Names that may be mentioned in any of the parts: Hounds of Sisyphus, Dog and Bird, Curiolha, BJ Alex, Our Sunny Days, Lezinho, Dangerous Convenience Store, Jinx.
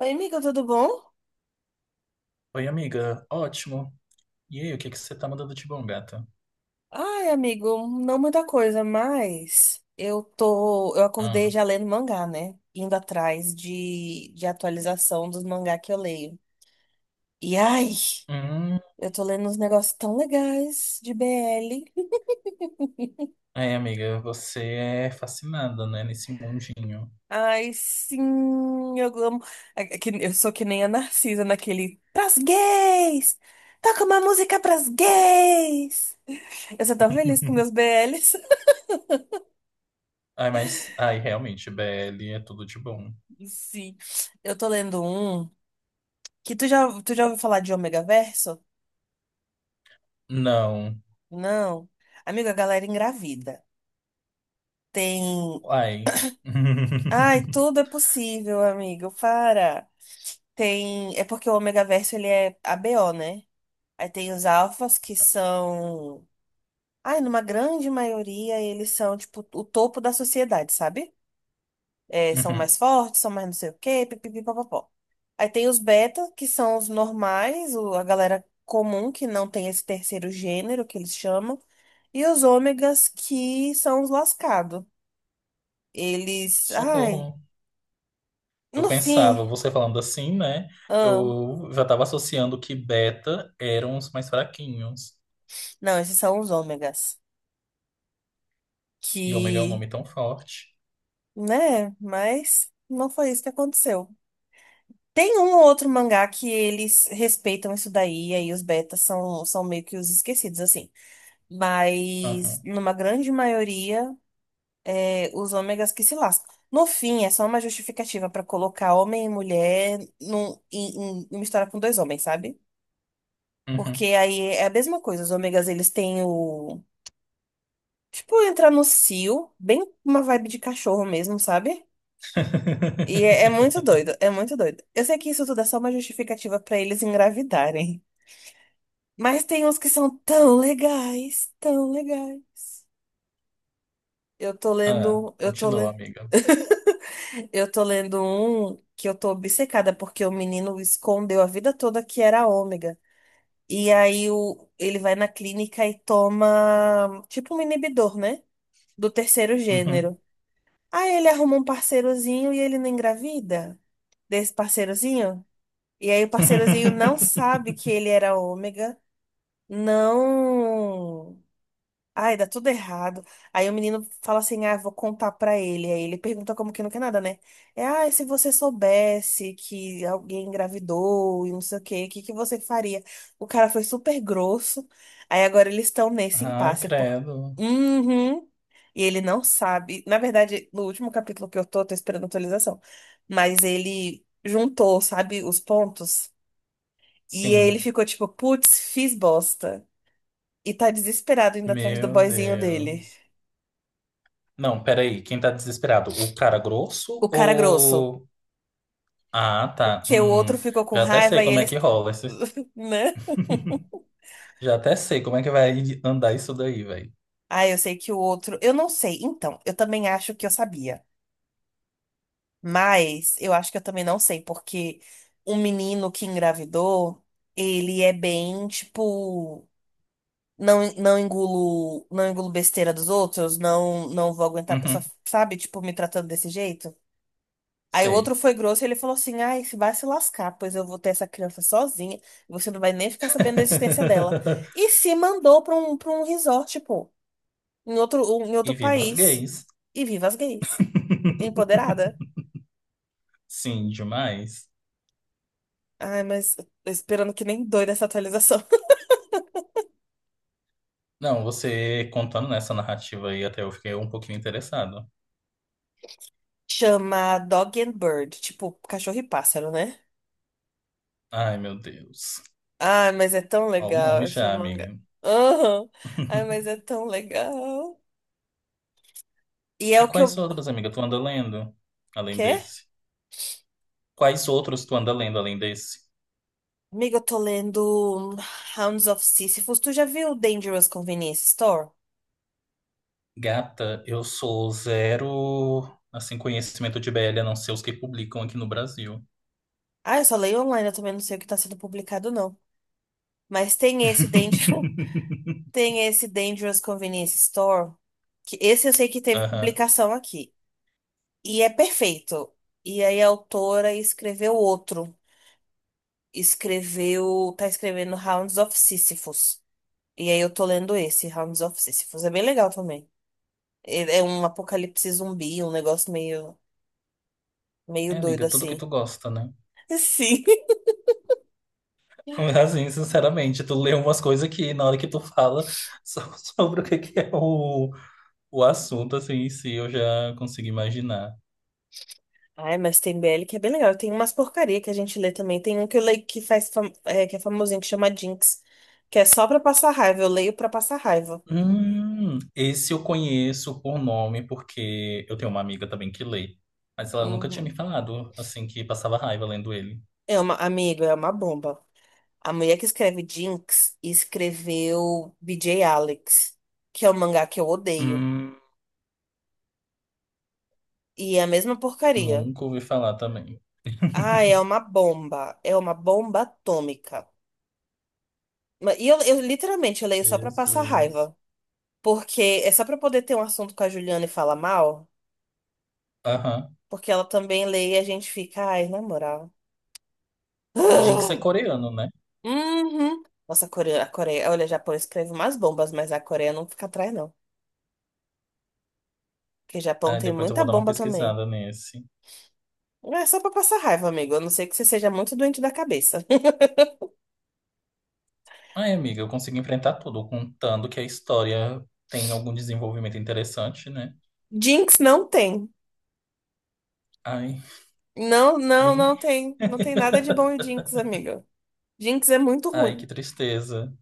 Oi, amigo, tudo bom? Oi, amiga. Ótimo. E aí, o que que você tá mandando de bom, gata? Ai, amigo, não muita coisa, mas eu acordei Ah. já lendo mangá, né? Indo atrás de atualização dos mangá que eu leio. E ai, Hum. eu tô lendo uns negócios tão legais de BL. Aí, amiga, você é fascinada, né, nesse mundinho? Ai, sim, eu amo. É que eu sou que nem a Narcisa naquele pras gays! Toca uma música pras gays! Eu sou tão feliz com meus BLs. Ai, mas, ai, realmente, BL é tudo de bom. Sim, eu tô lendo um. Tu já ouviu falar de ômega verso? Não. Não. Amiga, a galera engravida. Tem. Ai. Ai, tudo é possível, amigo. Para. Tem. É porque o ômega verso ele é ABO, né? Aí tem os alfas que são. Ai, numa grande maioria, eles são, tipo, o topo da sociedade, sabe? É, são mais Uhum. fortes, são mais não sei o quê, pipipi, papapó. Aí tem os beta, que são os normais, a galera comum, que não tem esse terceiro gênero, que eles chamam. E os ômegas, que são os lascados. Eles, ai, Socorro. Eu no fim, pensava, você falando assim, né? ah, Eu já tava associando que beta eram os mais fraquinhos. não, esses são os ômegas, E ômega é um que, nome tão forte. né, mas não foi isso que aconteceu. Tem um ou outro mangá que eles respeitam isso daí, e aí os betas são meio que os esquecidos, assim. Mas, Aham. numa grande maioria, é, os ômegas que se lascam. No fim, é só uma justificativa para colocar homem e mulher em uma história com dois homens, sabe? Porque Uhum. aí é a mesma coisa. Os ômegas, eles têm o. Tipo, entrar no cio, bem uma vibe de cachorro mesmo, sabe? E é muito doido, é muito doido. Eu sei que isso tudo é só uma justificativa pra eles engravidarem. Mas tem uns que são tão legais, tão legais. Eu tô Ah, lendo, eu tô continua, le... amiga. Eu tô lendo um que eu tô obcecada porque o menino escondeu a vida toda que era ômega. E aí ele vai na clínica e toma tipo um inibidor, né? Do terceiro Uhum. gênero. Aí ele arruma um parceirozinho e ele não engravida desse parceirozinho. E aí o parceirozinho não sabe que ele era ômega, não. Ai, dá tudo errado. Aí o menino fala assim: ah, vou contar pra ele. Aí ele pergunta como que não quer nada, né? É, ah, se você soubesse que alguém engravidou e não sei o quê, o que que você faria? O cara foi super grosso. Aí agora eles estão nesse Ai, impasse. Por... credo. Uhum. E ele não sabe. Na verdade, no último capítulo que eu tô esperando a atualização. Mas ele juntou, sabe, os pontos. E ele Sim. ficou tipo: putz, fiz bosta. E tá desesperado indo atrás do Meu boyzinho dele. Deus. Não, peraí. Quem tá desesperado? O cara grosso O cara grosso. ou. Ah, tá. Porque o outro ficou com Já até raiva sei e como é eles. que rola. Esses- Né? já até sei como é que vai andar isso daí, velho. Ah, eu sei que o outro. Eu não sei. Então, eu também acho que eu sabia. Mas eu acho que eu também não sei, porque o menino que engravidou, ele é bem, tipo. Não, não engulo besteira dos outros, não vou aguentar a pessoa, sabe? Tipo, me tratando desse jeito. Aí o Sei. outro foi grosso e ele falou assim: ai, se vai se lascar, pois eu vou ter essa criança sozinha. Você não vai nem ficar sabendo da existência dela. E se mandou pra um resort, pô, em outro, um, em E outro viva as país. gays. E viva as gays. Empoderada. Sim, demais. Ai, mas tô esperando que nem doida essa atualização. Não, você contando nessa narrativa aí, até eu fiquei um pouquinho interessado. Chama Dog and Bird, tipo cachorro e pássaro, né? Ai, meu Deus. Ai, mas é tão Ó, o nome legal esse já, manga. amiga. Aham. Ai, mas é tão legal. E é E o que quais eu. outros, amiga, tu anda lendo além Quê? desse? Quais outros tu anda lendo além desse? Amiga, eu tô lendo Hounds of Sisyphus. Tu já viu Dangerous Convenience Store? Gata, eu sou zero, assim, conhecimento de BL, a não ser os que publicam aqui no Brasil. Ah, eu só leio online, eu também não sei o que tá sendo publicado, não. Mas tem esse Danger... Tem esse Dangerous Convenience Store, que esse eu sei que teve Aham. publicação aqui. E é perfeito. E aí a autora escreveu outro. Escreveu. Tá escrevendo Hounds of Sisyphus. E aí eu tô lendo esse, Hounds of Sisyphus. É bem legal também. É um apocalipse zumbi, um negócio meio É, doido amiga, tudo que assim. tu gosta, né? Sim. Assim, sinceramente, tu lê umas coisas que na hora que tu fala so- sobre o que que é o assunto, assim, em si, eu já consigo imaginar. Ai, mas tem BL que é bem legal. Tem umas porcaria que a gente lê também. Tem um que eu leio que faz que é famosinho, que chama Jinx, que é só pra passar raiva. Eu leio pra passar raiva. Esse eu conheço por nome, porque eu tenho uma amiga também que lê, mas ela nunca tinha me Uhum. falado, assim, que passava raiva lendo ele. É uma, amigo, é uma bomba. A mulher que escreve Jinx escreveu BJ Alex, que é um mangá que eu odeio. Hum, E é a mesma porcaria. nunca ouvi falar também. Ah, é uma bomba. É uma bomba atômica. E eu literalmente eu leio só pra passar Jesus. raiva. Porque é só pra poder ter um assunto com a Juliana e falar mal. Aham. Porque ela também lê e a gente fica, ai, na moral. Jinx é coreano, né? Uhum. Nossa, a Coreia, olha, o Japão escreve umas bombas, mas a Coreia não fica atrás, não. Porque o Japão Ah, tem depois eu muita vou dar uma bomba também. pesquisada nesse. Não. É só pra passar raiva, amigo. A não ser que você seja muito doente da cabeça. Ai, amiga, eu consigo enfrentar tudo, contando que a história tem algum desenvolvimento interessante, né? Jinx não tem. Ai, Não me. tem. Não tem nada de bom em Jinx, amigo. Jinx é muito Ai, que ruim. tristeza.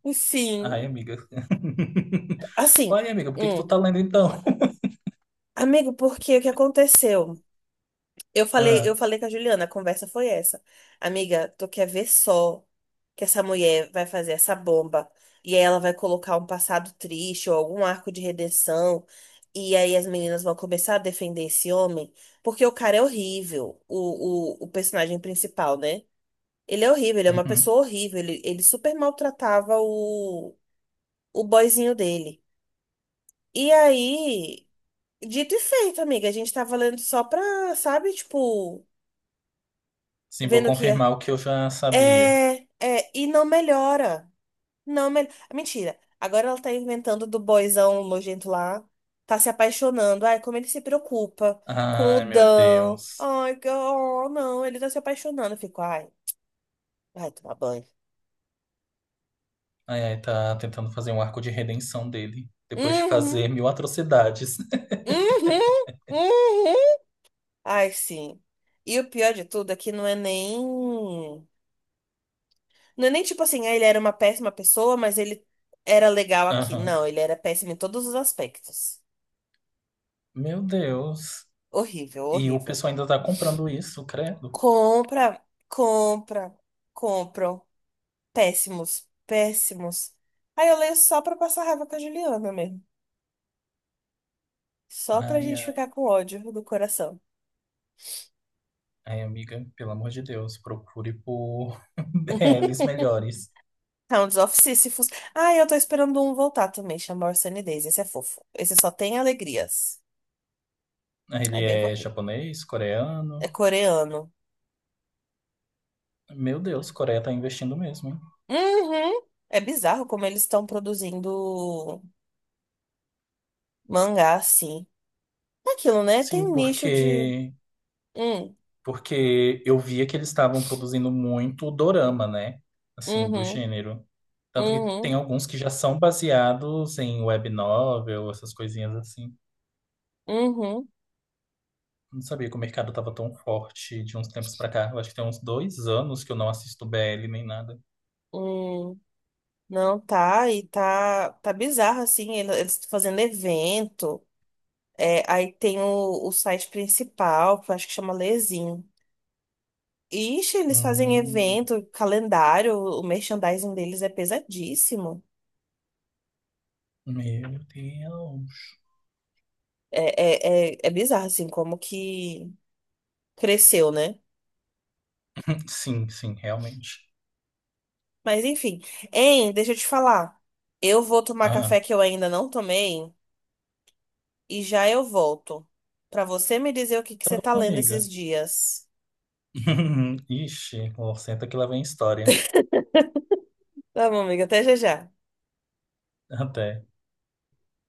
Ai, Enfim, amiga. assim, Ai, amiga, por que que tu hum. tá lendo então? Amigo, porque o que aconteceu? Eu Ah, falei com a Juliana, a conversa foi essa. Amiga, tu quer ver só que essa mulher vai fazer essa bomba e aí ela vai colocar um passado triste ou algum arco de redenção e aí as meninas vão começar a defender esse homem porque o cara é horrível, o personagem principal, né? Ele é horrível, ele é uma uhum. pessoa horrível, ele super maltratava o boyzinho dele. E aí, dito e feito, amiga, a gente tava lendo só pra, sabe, tipo, Sim, vou vendo que ia. confirmar o que eu já sabia. E não melhora. Não melhora. Mentira. Agora ela tá inventando do boyzão nojento lá. Tá se apaixonando. Ai, como ele se preocupa com o Ai, meu Dan. Deus. Ai, que- oh, não, ele tá se apaixonando. Eu fico, ai, vai tomar banho. Ai, ai, tá tentando fazer um arco de redenção dele, depois de Uhum, fazer mil atrocidades. uhum. Ai, sim. E o pior de tudo é que não é nem. Não é nem tipo assim, ah, ele era uma péssima pessoa, mas ele era legal aqui. Aham. Não, ele era péssimo em todos os aspectos. Meu Deus. Horrível, E o horrível. pessoal ainda tá comprando isso, credo. Compra, compra, compram. Péssimos, péssimos. Aí eu leio só pra passar raiva com a Juliana mesmo. Só pra Ai, gente ai. ficar com ódio do coração. Ai, amiga, pelo amor de Deus, procure por BLs melhores. Hounds of Sisyphus. Ah, eu tô esperando um voltar também, chama Our Sunny Days. Esse é fofo. Esse só tem alegrias. É Ele bem é fofinho. japonês, coreano? É coreano. Meu Deus, Coreia tá investindo mesmo, hein? Uhum. É bizarro como eles estão produzindo mangá assim. É aquilo, né? Sim, Tem nicho de. porque Hum, porque eu via que eles estavam produzindo muito dorama, né? Assim, do uhum, gênero. Tanto que tem uhum, alguns que já são baseados em web novel, essas coisinhas assim. uhum, Não sabia que o mercado tava tão forte de uns tempos pra cá. Eu acho que tem uns 2 anos que eu não assisto BL nem nada. uhum. Não, tá bizarro, assim, eles fazendo evento, é, aí tem o site principal, que eu acho que chama Lezinho. Ixi, eles fazem Hum. evento, calendário, o merchandising deles é pesadíssimo. Meu Deus. É bizarro, assim, como que cresceu, né? Sim, sim, realmente. Mas enfim, hein, deixa eu te falar, eu vou tomar Ah, café que eu ainda não tomei e já eu volto, pra você me dizer o que que tá você tá bom, lendo amiga. esses dias. Ixi, ó, senta que lá vem história. Tá bom, amiga, até já já. Até.